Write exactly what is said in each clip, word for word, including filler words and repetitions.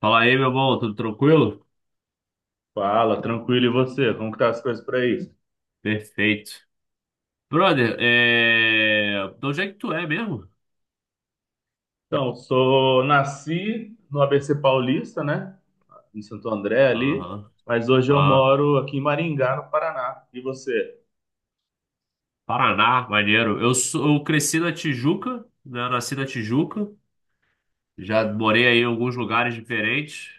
Fala aí, meu bom, tudo tranquilo? Fala, tranquilo, e você? Como que tá as coisas por aí? Perfeito. Brother, é... de onde é que tu é mesmo? Então, sou, nasci no A B C Paulista, né? Em Santo André ali, Aham. mas hoje eu Ah, moro aqui em Maringá, no Paraná. E você? Paraná, maneiro. Eu, sou... eu cresci na Tijuca, né? Nasci na Tijuca. Já morei aí em alguns lugares diferentes,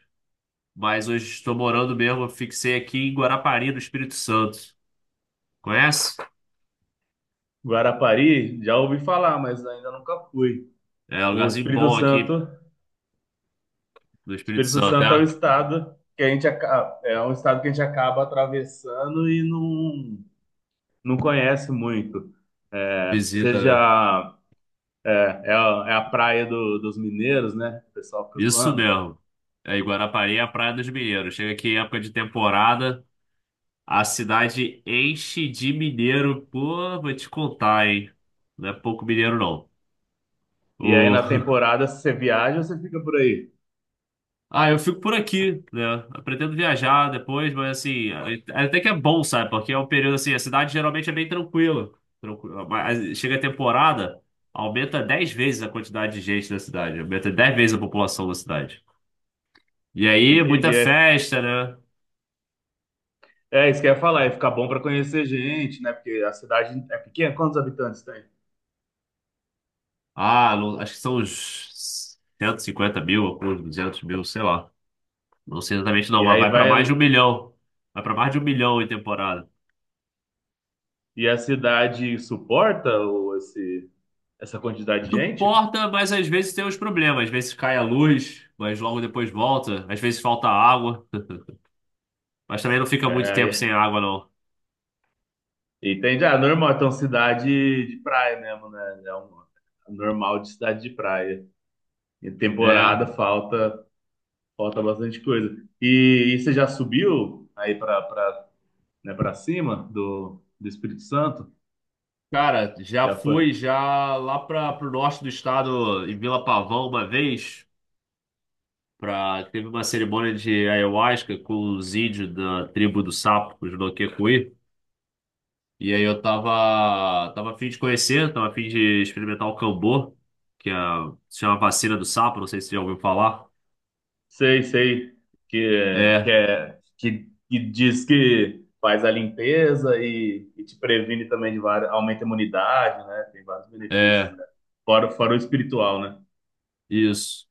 mas hoje estou morando mesmo. Eu fixei aqui em Guarapari, no Espírito Santo. Conhece? Guarapari, já ouvi falar, mas ainda nunca fui. É um O lugarzinho Espírito bom aqui Santo, no Espírito Espírito Santo, Santo é o é? estado que a gente acaba, é um estado que a gente acaba atravessando e não, não conhece muito. É, Visita, né? seja é é a, é a praia do- dos mineiros, né? O pessoal fica Isso zoando. mesmo. É, e Guarapari é a Praia dos Mineiros. Chega aqui em época de temporada. A cidade enche de mineiro. Pô, vou te contar, hein? Não é pouco mineiro, não. E aí O... na temporada, se você viaja, você fica por aí. Ah, eu fico por aqui, né? Eu pretendo viajar depois, mas assim, é, é até que é bom, sabe? Porque é um período assim, a cidade geralmente é bem tranquila. Tranquila. Mas assim, chega a temporada, aumenta dez vezes a quantidade de gente na cidade, aumenta dez vezes a população da cidade. E aí, muita Entendi. É, festa, né? é isso que eu ia falar, é ficar bom para conhecer gente, né? Porque a cidade é pequena, quantos habitantes tem? Ah, não- acho que são uns cento e cinquenta mil, ou uns duzentos mil, sei lá. Não sei exatamente não, E mas aí vai para vai. mais de um milhão. Vai para mais de um milhão em temporada. E a cidade suporta o- esse, essa quantidade de gente? Suporta, mas às vezes tem uns problemas. Às vezes cai a luz, mas logo depois volta. Às vezes falta água, mas também não fica muito tempo sem É, água, não. e- entende? Ah, normal, então cidade de praia mesmo, né? É um normal de cidade de praia. E É. temporada falta, falta bastante coisa. E, e você já subiu aí para para né, para cima do, do Espírito Santo? Cara, já Já foi? fui já lá para o norte do estado, em Vila Pavão, uma vez. Pra, teve uma cerimônia de ayahuasca com os índios da tribo do Sapo, os Noquecuí. E aí eu tava, tava a fim de conhecer, tava a fim de experimentar o Cambô, que é, se chama vacina do sapo, não sei se você já ouviu falar. Sei, sei. Que, que, É, é, que, que diz que faz a limpeza e, e te previne também de várias, aumenta a imunidade, né? Tem vários benefícios, é, né? Fora, fora o espiritual, né? isso.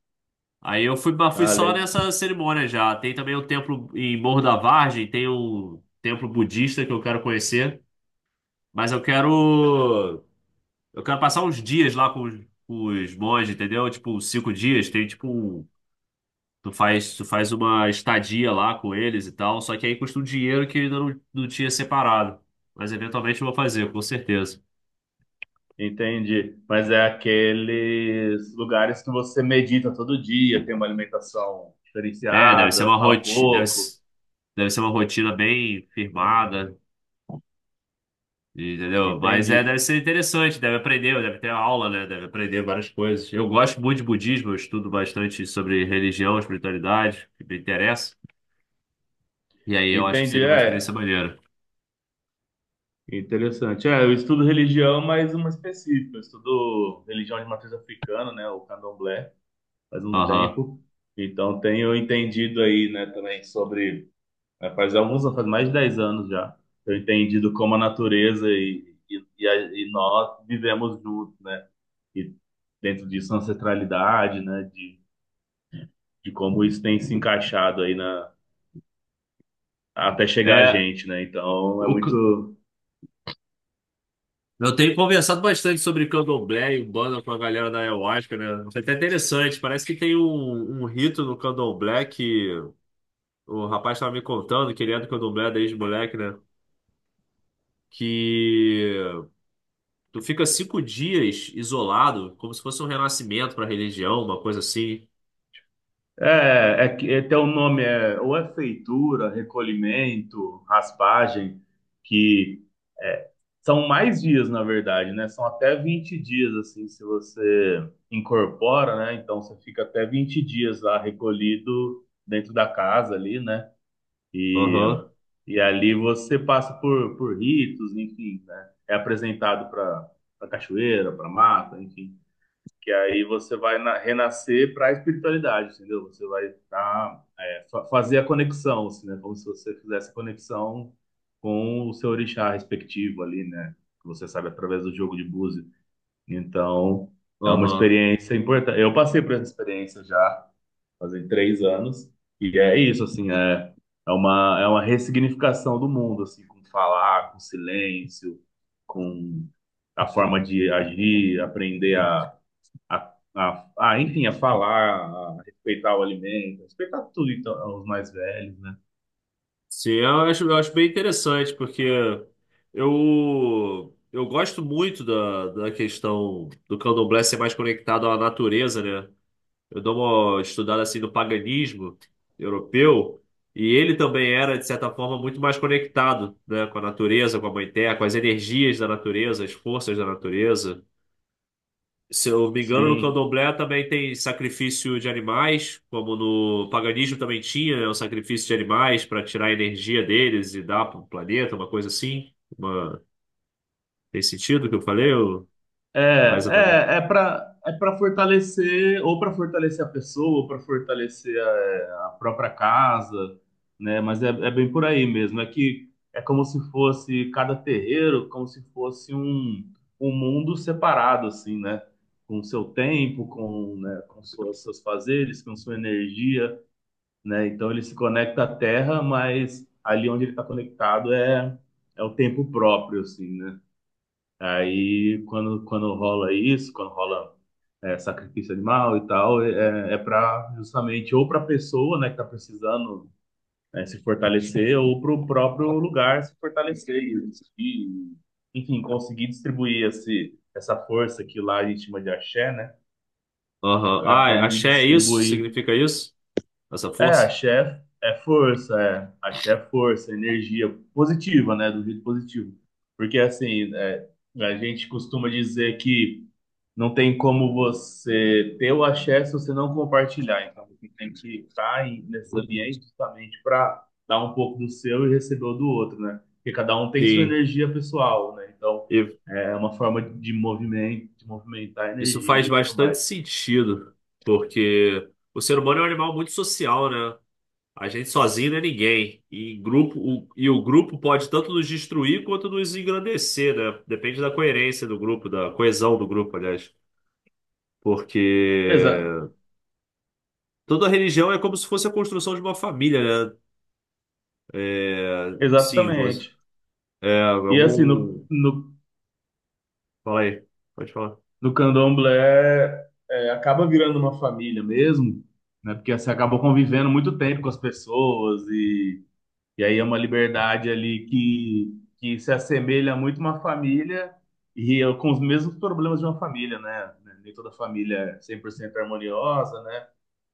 Aí eu fui, mas fui Ah, só le- nessa cerimônia já. Tem também um templo em Morro da Vargem, tem um templo budista que eu quero conhecer, mas eu quero eu quero passar uns dias lá com os, com os monges, entendeu? Tipo, cinco dias, tem tipo um- Tu faz, tu faz uma estadia lá com eles e tal, só que aí custa um dinheiro que eu ainda não, não tinha separado. Mas eventualmente eu vou fazer, com certeza. entendi. Mas é aqueles lugares que você medita todo dia, tem uma alimentação É, deve ser uma diferenciada, fala rotina, deve, pouco. s- deve ser uma rotina bem firmada, entendeu? Mas é, Entendi. deve ser interessante, deve aprender, deve ter aula, né? Deve aprender várias coisas. Eu gosto muito de budismo, eu estudo bastante sobre religião, espiritualidade, que me interessa. E aí eu acho que Entendi, seria uma experiência é. maneira. Interessante. É, eu estudo religião, mas uma específica. Eu estudo religião de matriz africana, né? O candomblé. Faz um Aham. tempo. Então tenho entendido aí, né, também sobre, né, faz alguns faz mais de dez anos já, tenho entendido como a natureza e, e, e, a, e nós vivemos juntos, né? E dentro disso a ancestralidade, né, de, de como isso tem se encaixado aí na até chegar a É, gente, né? Então é o, muito. Eu tenho conversado bastante sobre candomblé e banda com a galera da Ayahuasca, né? Isso é até interessante. Parece que tem um, um rito no candomblé que o rapaz estava me contando, que ele é do candomblé desde moleque, né? Que tu fica cinco dias isolado, como se fosse um renascimento para a religião, uma coisa assim. É, é que é, tem um nome, é, ou é feitura, recolhimento, raspagem, que é, são mais dias, na verdade, né? São até vinte dias, assim, se você incorpora, né? Então você fica até vinte dias lá recolhido dentro da casa ali, né? E, Aham, e ali você passa por, por ritos, enfim, né? É apresentado para a cachoeira, para mata, enfim. Que aí você vai na- renascer para a espiritualidade, entendeu? Você vai tá, é, fa- fazer a conexão, assim, né? Como se você fizesse a conexão com o seu orixá respectivo ali, né? Que você sabe através do jogo de búzios. Então, é uma aham. experiência importante. Eu passei por essa experiência já, fazem três anos, e é isso, assim, é, é uma, é uma ressignificação do mundo, assim, com falar, com silêncio, com a forma de agir, aprender a a, a, a, enfim, a falar, a respeitar o alimento, a respeitar tudo, então, os mais velhos, né? Sim, eu acho, eu acho bem interessante, porque eu, eu gosto muito da, da questão do candomblé ser mais conectado à natureza, né? Eu dou uma estudada assim no paganismo europeu e ele também era, de certa forma, muito mais conectado, né, com a natureza, com a mãe terra, com as energias da natureza, as forças da natureza. Se eu me engano, no Sim. Candomblé também tem sacrifício de animais, como no paganismo também tinha, né, o sacrifício de animais para tirar a energia deles e dar para o planeta, uma coisa assim. Uma... Tem sentido o que eu falei? Ou... É, Não é exatamente. é, é para é para fortalecer, ou para fortalecer a pessoa, ou para fortalecer a, a própria casa, né? Mas é, é bem por aí mesmo. É que é como se fosse cada terreiro, como se fosse um, um mundo separado, assim, né? Com o seu tempo, com, né, com suas, seus fazeres, com sua energia, né? Então ele se conecta à Terra, mas ali onde ele está conectado é, é o tempo próprio, assim, né? Aí quando, quando rola isso, quando rola é, sacrifício animal e tal, é, é para justamente ou para a pessoa, né, que está precisando né, se fortalecer, ou para o próprio lugar se fortalecer e, e, enfim, conseguir distribuir esse, essa força que lá a gente chama de axé, né? É Aham. é a Ah, forma de axé é isso? distribuir. Significa isso? Essa É, força? axé é força, é. Axé é força, energia positiva, né? Do jeito positivo. Porque, assim, é, a gente costuma dizer que não tem como você ter o axé se você não compartilhar. Então, você tem que estar em- nesses ambientes justamente para dar um pouco do seu e receber o do outro, né? Porque cada um tem sua Sim. energia pessoal, né? Então, E é uma forma de movimento, de movimentar a Isso faz energia e tudo bastante mais. sentido, porque o ser humano é um animal muito social, né? A gente sozinho não é ninguém. E grupo, o, e o grupo pode tanto nos destruir quanto nos engrandecer, né? Depende da coerência do grupo, da coesão do grupo, aliás. Exa Porque toda religião é como se fosse a construção de uma família, né? É, sim, você, exatamente. é E assim, no, algum. no Fala aí, pode falar. no candomblé é, acaba virando uma família mesmo, né? Porque você acaba convivendo muito tempo com as pessoas e, e, aí é uma liberdade ali que, que se assemelha muito a uma família e é com os mesmos problemas de uma família, né? Nem toda família é cem por cento harmoniosa, né?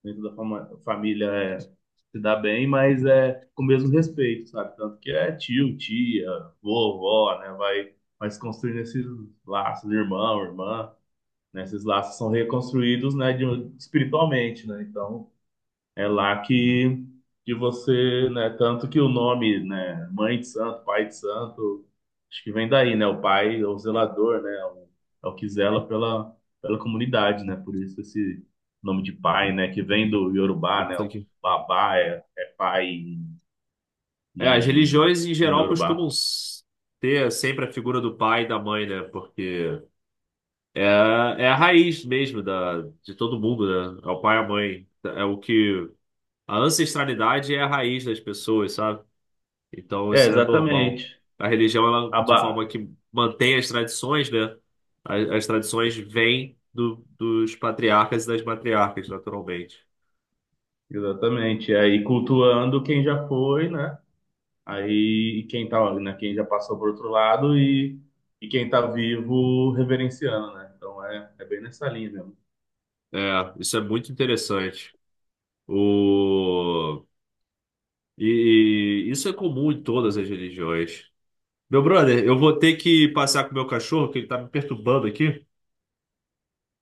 Nem toda fama- família é, se dá bem, mas é com o mesmo respeito, sabe? Tanto que é tio, tia, vovó, né? Vai, vai se construindo esses laços, irmão, irmã, né? Esses laços são reconstruídos, né, de, um- espiritualmente, né? Então, é lá que, que você, né, tanto que o nome, né, Mãe de Santo, Pai de Santo, acho que vem daí, né? O pai, é o zelador, né? É o, é o que zela pela, pela comunidade, né? Por isso esse nome de pai, né? Que vem do Yorubá, né? O babá é, é pai em, É, as em, religiões em em geral costumam Yorubá. s- ter sempre a figura do pai e da mãe, né? Porque é, é a raiz mesmo da, de todo mundo, né? É o pai e a mãe. É o que. A ancestralidade é a raiz das pessoas, sabe? Então É, isso é normal. exatamente. A religião, ela, de forma Abá. que mantém as tradições, né? As, as tradições vêm do, dos patriarcas e das matriarcas, naturalmente. Exatamente. E aí cultuando quem já foi, né? Aí e quem tá, né, quem já passou por outro lado e, e quem tá vivo reverenciando, né? Então é, é bem nessa linha mesmo. É, isso é muito interessante. O. E isso é comum em todas as religiões. Meu brother, eu vou ter que passear com o meu cachorro, que ele tá me perturbando aqui.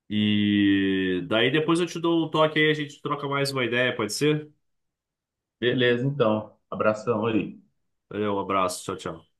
E daí depois eu te dou um toque aí, a gente troca mais uma ideia, pode ser? Beleza, então. Abração aí. Valeu, um abraço, tchau, tchau.